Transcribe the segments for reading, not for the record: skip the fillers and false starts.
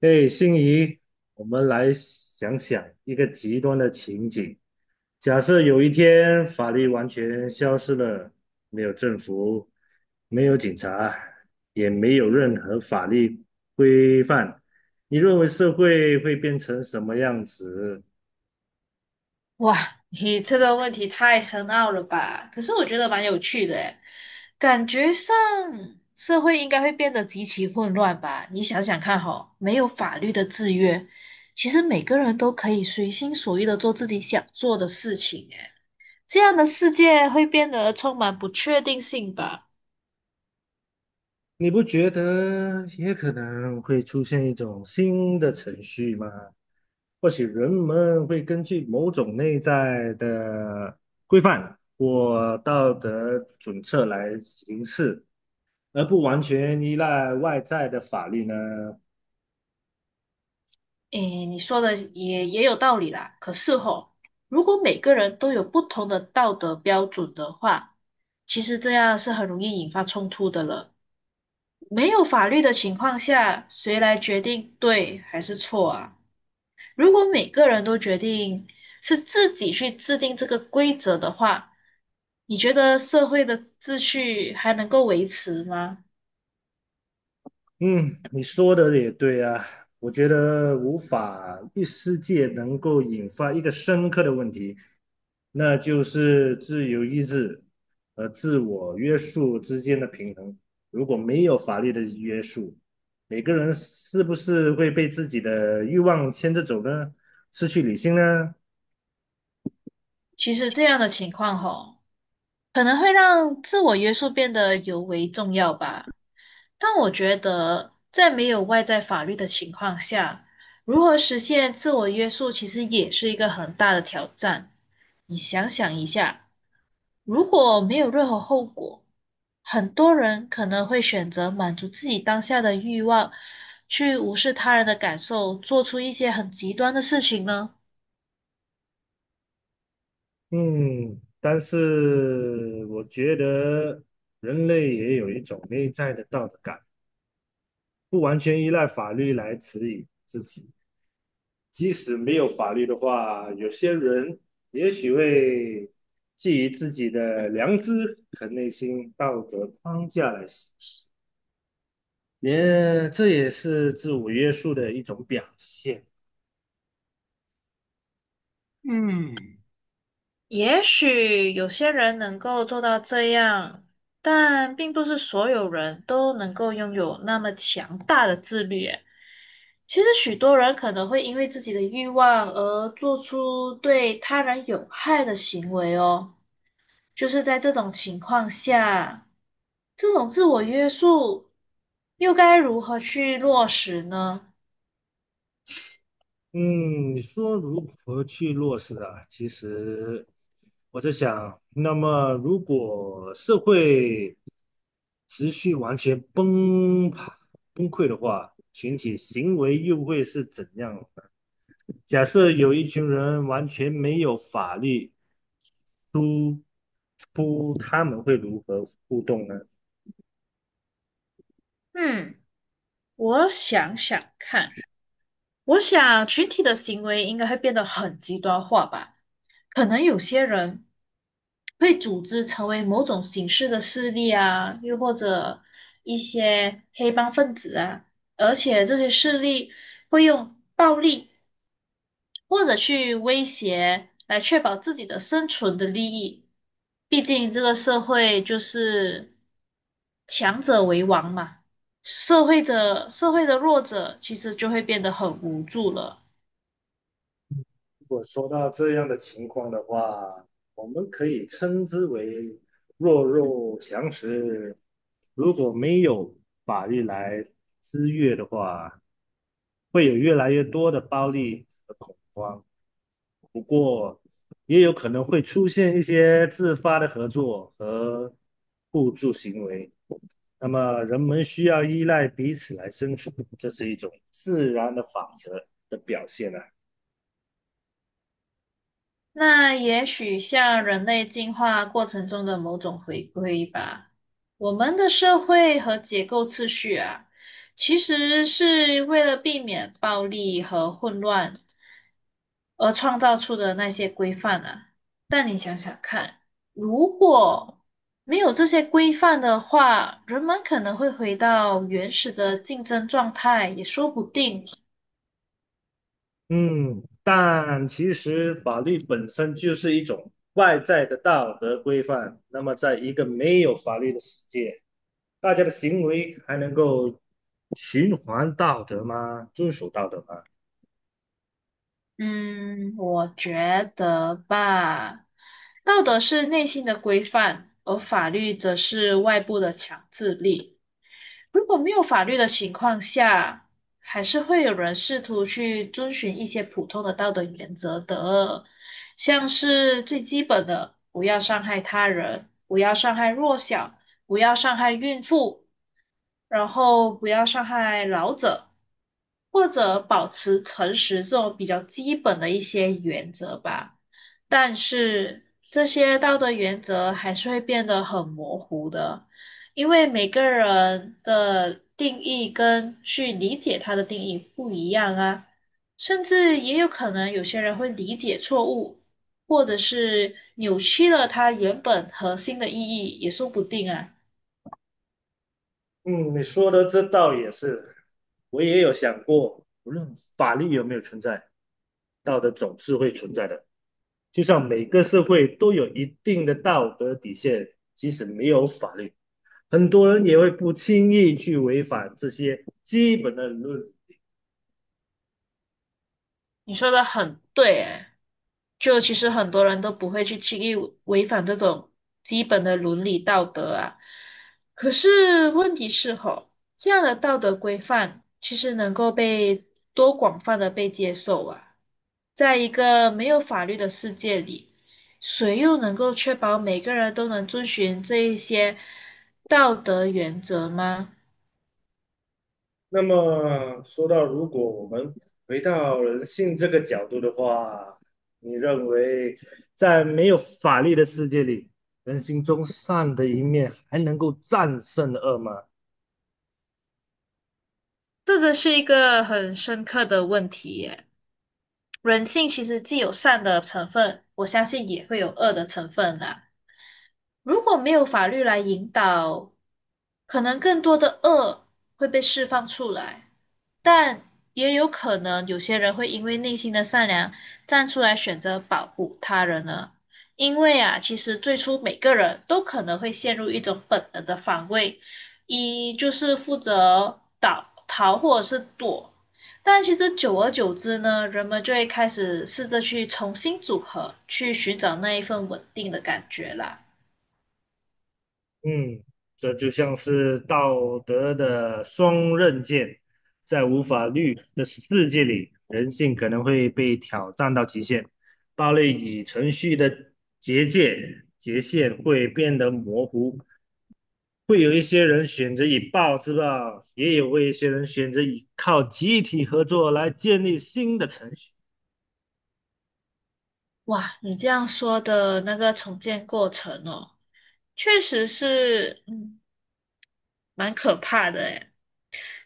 哎，心仪，我们来想想一个极端的情景：假设有一天法律完全消失了，没有政府，没有警察，也没有任何法律规范，你认为社会会变成什么样子？哇，你这个问题太深奥了吧？可是我觉得蛮有趣的诶，感觉上社会应该会变得极其混乱吧？你想想看哈，没有法律的制约，其实每个人都可以随心所欲的做自己想做的事情诶，这样的世界会变得充满不确定性吧？你不觉得也可能会出现一种新的程序吗？或许人们会根据某种内在的规范或道德准则来行事，而不完全依赖外在的法律呢？诶，你说的也有道理啦。可是吼，如果每个人都有不同的道德标准的话，其实这样是很容易引发冲突的了。没有法律的情况下，谁来决定对还是错啊？如果每个人都决定是自己去制定这个规则的话，你觉得社会的秩序还能够维持吗？嗯，你说的也对啊，我觉得无法一世界能够引发一个深刻的问题，那就是自由意志和自我约束之间的平衡。如果没有法律的约束，每个人是不是会被自己的欲望牵着走呢？失去理性呢？其实这样的情况吼，可能会让自我约束变得尤为重要吧。但我觉得，在没有外在法律的情况下，如何实现自我约束，其实也是一个很大的挑战。你想想一下。如果没有任何后果，很多人可能会选择满足自己当下的欲望，去无视他人的感受，做出一些很极端的事情呢。嗯，但是我觉得人类也有一种内在的道德感。不完全依赖法律来指引自己。即使没有法律的话，有些人也许会基于自己的良知和内心道德框架来行事，这也是自我约束的一种表现。嗯，也许有些人能够做到这样，但并不是所有人都能够拥有那么强大的自律耶，其实许多人可能会因为自己的欲望而做出对他人有害的行为哦。就是在这种情况下，这种自我约束又该如何去落实呢？嗯，你说如何去落实啊？其实我在想，那么如果社会持续完全崩溃的话，群体行为又会是怎样的，假设有一群人完全没有法律出出，他们会如何互动呢？嗯，我想想看，我想群体的行为应该会变得很极端化吧，可能有些人。会组织成为某种形式的势力啊，又或者一些黑帮分子啊，而且这些势力会用暴力或者去威胁来确保自己的生存的利益。毕竟这个社会就是强者为王嘛，社会者社会的弱者其实就会变得很无助了。如果说到这样的情况的话，我们可以称之为弱肉强食。如果没有法律来制约的话，会有越来越多的暴力和恐慌。不过，也有可能会出现一些自发的合作和互助行为。那么，人们需要依赖彼此来生存，这是一种自然的法则的表现啊。那也许像人类进化过程中的某种回归吧，我们的社会和结构次序啊，其实是为了避免暴力和混乱。而创造出的那些规范啊。但你想想看，如果没有这些规范的话，人们可能会回到原始的竞争状态，也说不定。嗯，但其实法律本身就是一种外在的道德规范。那么，在一个没有法律的世界，大家的行为还能够循环道德吗？遵守道德吗？嗯，我觉得吧，道德是内心的规范，而法律则是外部的强制力。如果没有法律的情况下，还是会有人试图去遵循一些普通的道德原则的，像是最基本的，不要伤害他人，不要伤害弱小，不要伤害孕妇，然后不要伤害老者，或者保持诚实这种比较基本的一些原则吧。但是这些道德原则还是会变得很模糊的，因为每个人的定义跟去理解它的定义不一样啊，甚至也有可能有些人会理解错误，或者是扭曲了它原本核心的意义，也说不定啊。嗯，你说的这倒也是，我也有想过，无论法律有没有存在，道德总是会存在的。就像每个社会都有一定的道德底线，即使没有法律。很多人也会不轻易去违反这些基本的理论。你说的很对，诶，就其实很多人都不会去轻易违反这种基本的伦理道德啊。可是问题是吼，这样的道德规范其实能够被多广泛的被接受啊。在一个没有法律的世界里，谁又能够确保每个人都能遵循这一些道德原则吗？那么说到，如果我们回到人性这个角度的话，你认为在没有法律的世界里，人性中善的一面还能够战胜恶吗？这真是一个很深刻的问题耶。人性其实既有善的成分，我相信也会有恶的成分啦。如果没有法律来引导，可能更多的恶会被释放出来，但也有可能有些人会因为内心的善良站出来选择保护他人呢。因为啊，其实最初每个人都可能会陷入一种本能的防卫，一就是负责倒逃或者是躲，但其实久而久之呢，人们就会开始试着去重新组合，去寻找那一份稳定的感觉啦。嗯，这就像是道德的双刃剑，在无法律的世界里，人性可能会被挑战到极限，暴力与程序的结界界限会变得模糊。会有一些人选择以暴制暴，也有一些人选择以靠集体合作来建立新的程序。哇，你这样说的那个重建过程哦，确实是，嗯，蛮可怕的诶。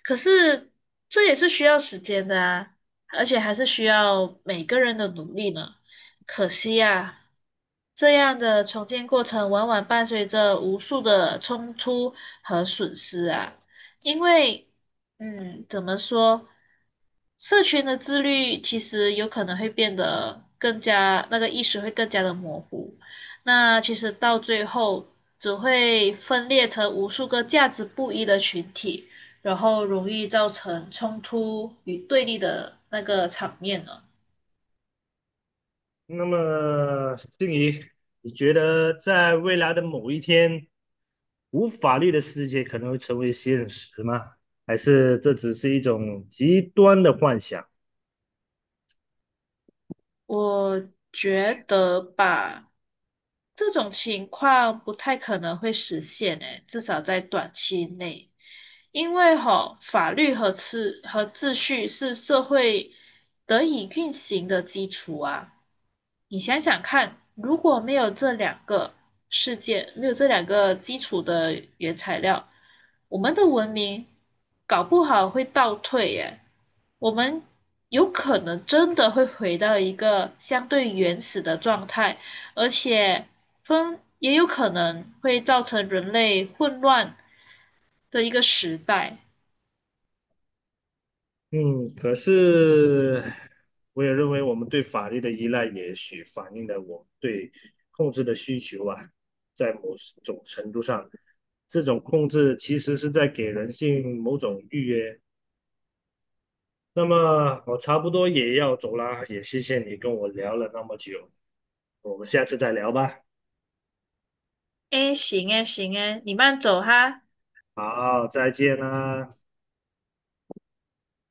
可是这也是需要时间的啊，而且还是需要每个人的努力呢。可惜呀，这样的重建过程往往伴随着无数的冲突和损失啊，因为，嗯，怎么说？社群的自律其实有可能会变得更加，那个意识会更加的模糊。那其实到最后只会分裂成无数个价值不一的群体，然后容易造成冲突与对立的那个场面呢？那么，静怡，你觉得在未来的某一天？无法律的世界可能会成为现实吗？还是这只是一种极端的幻想？我觉得吧，这种情况不太可能会实现诶，至少在短期内。因为吼，法律和秩序是社会得以运行的基础啊。你想想看，如果没有这两个世界，没有这两个基础的原材料，我们的文明搞不好会倒退耶。我们有可能真的会回到一个相对原始的状态，而且分也有可能会造成人类混乱的一个时代。嗯，可是我也认为我们对法律的依赖，也许反映了我们对控制的需求啊，在某种程度上，这种控制其实是在给人性某种预约。那么我差不多也要走啦，也谢谢你跟我聊了那么久，我们下次再聊吧。哎，行哎行哎你慢走哈。好，再见啦。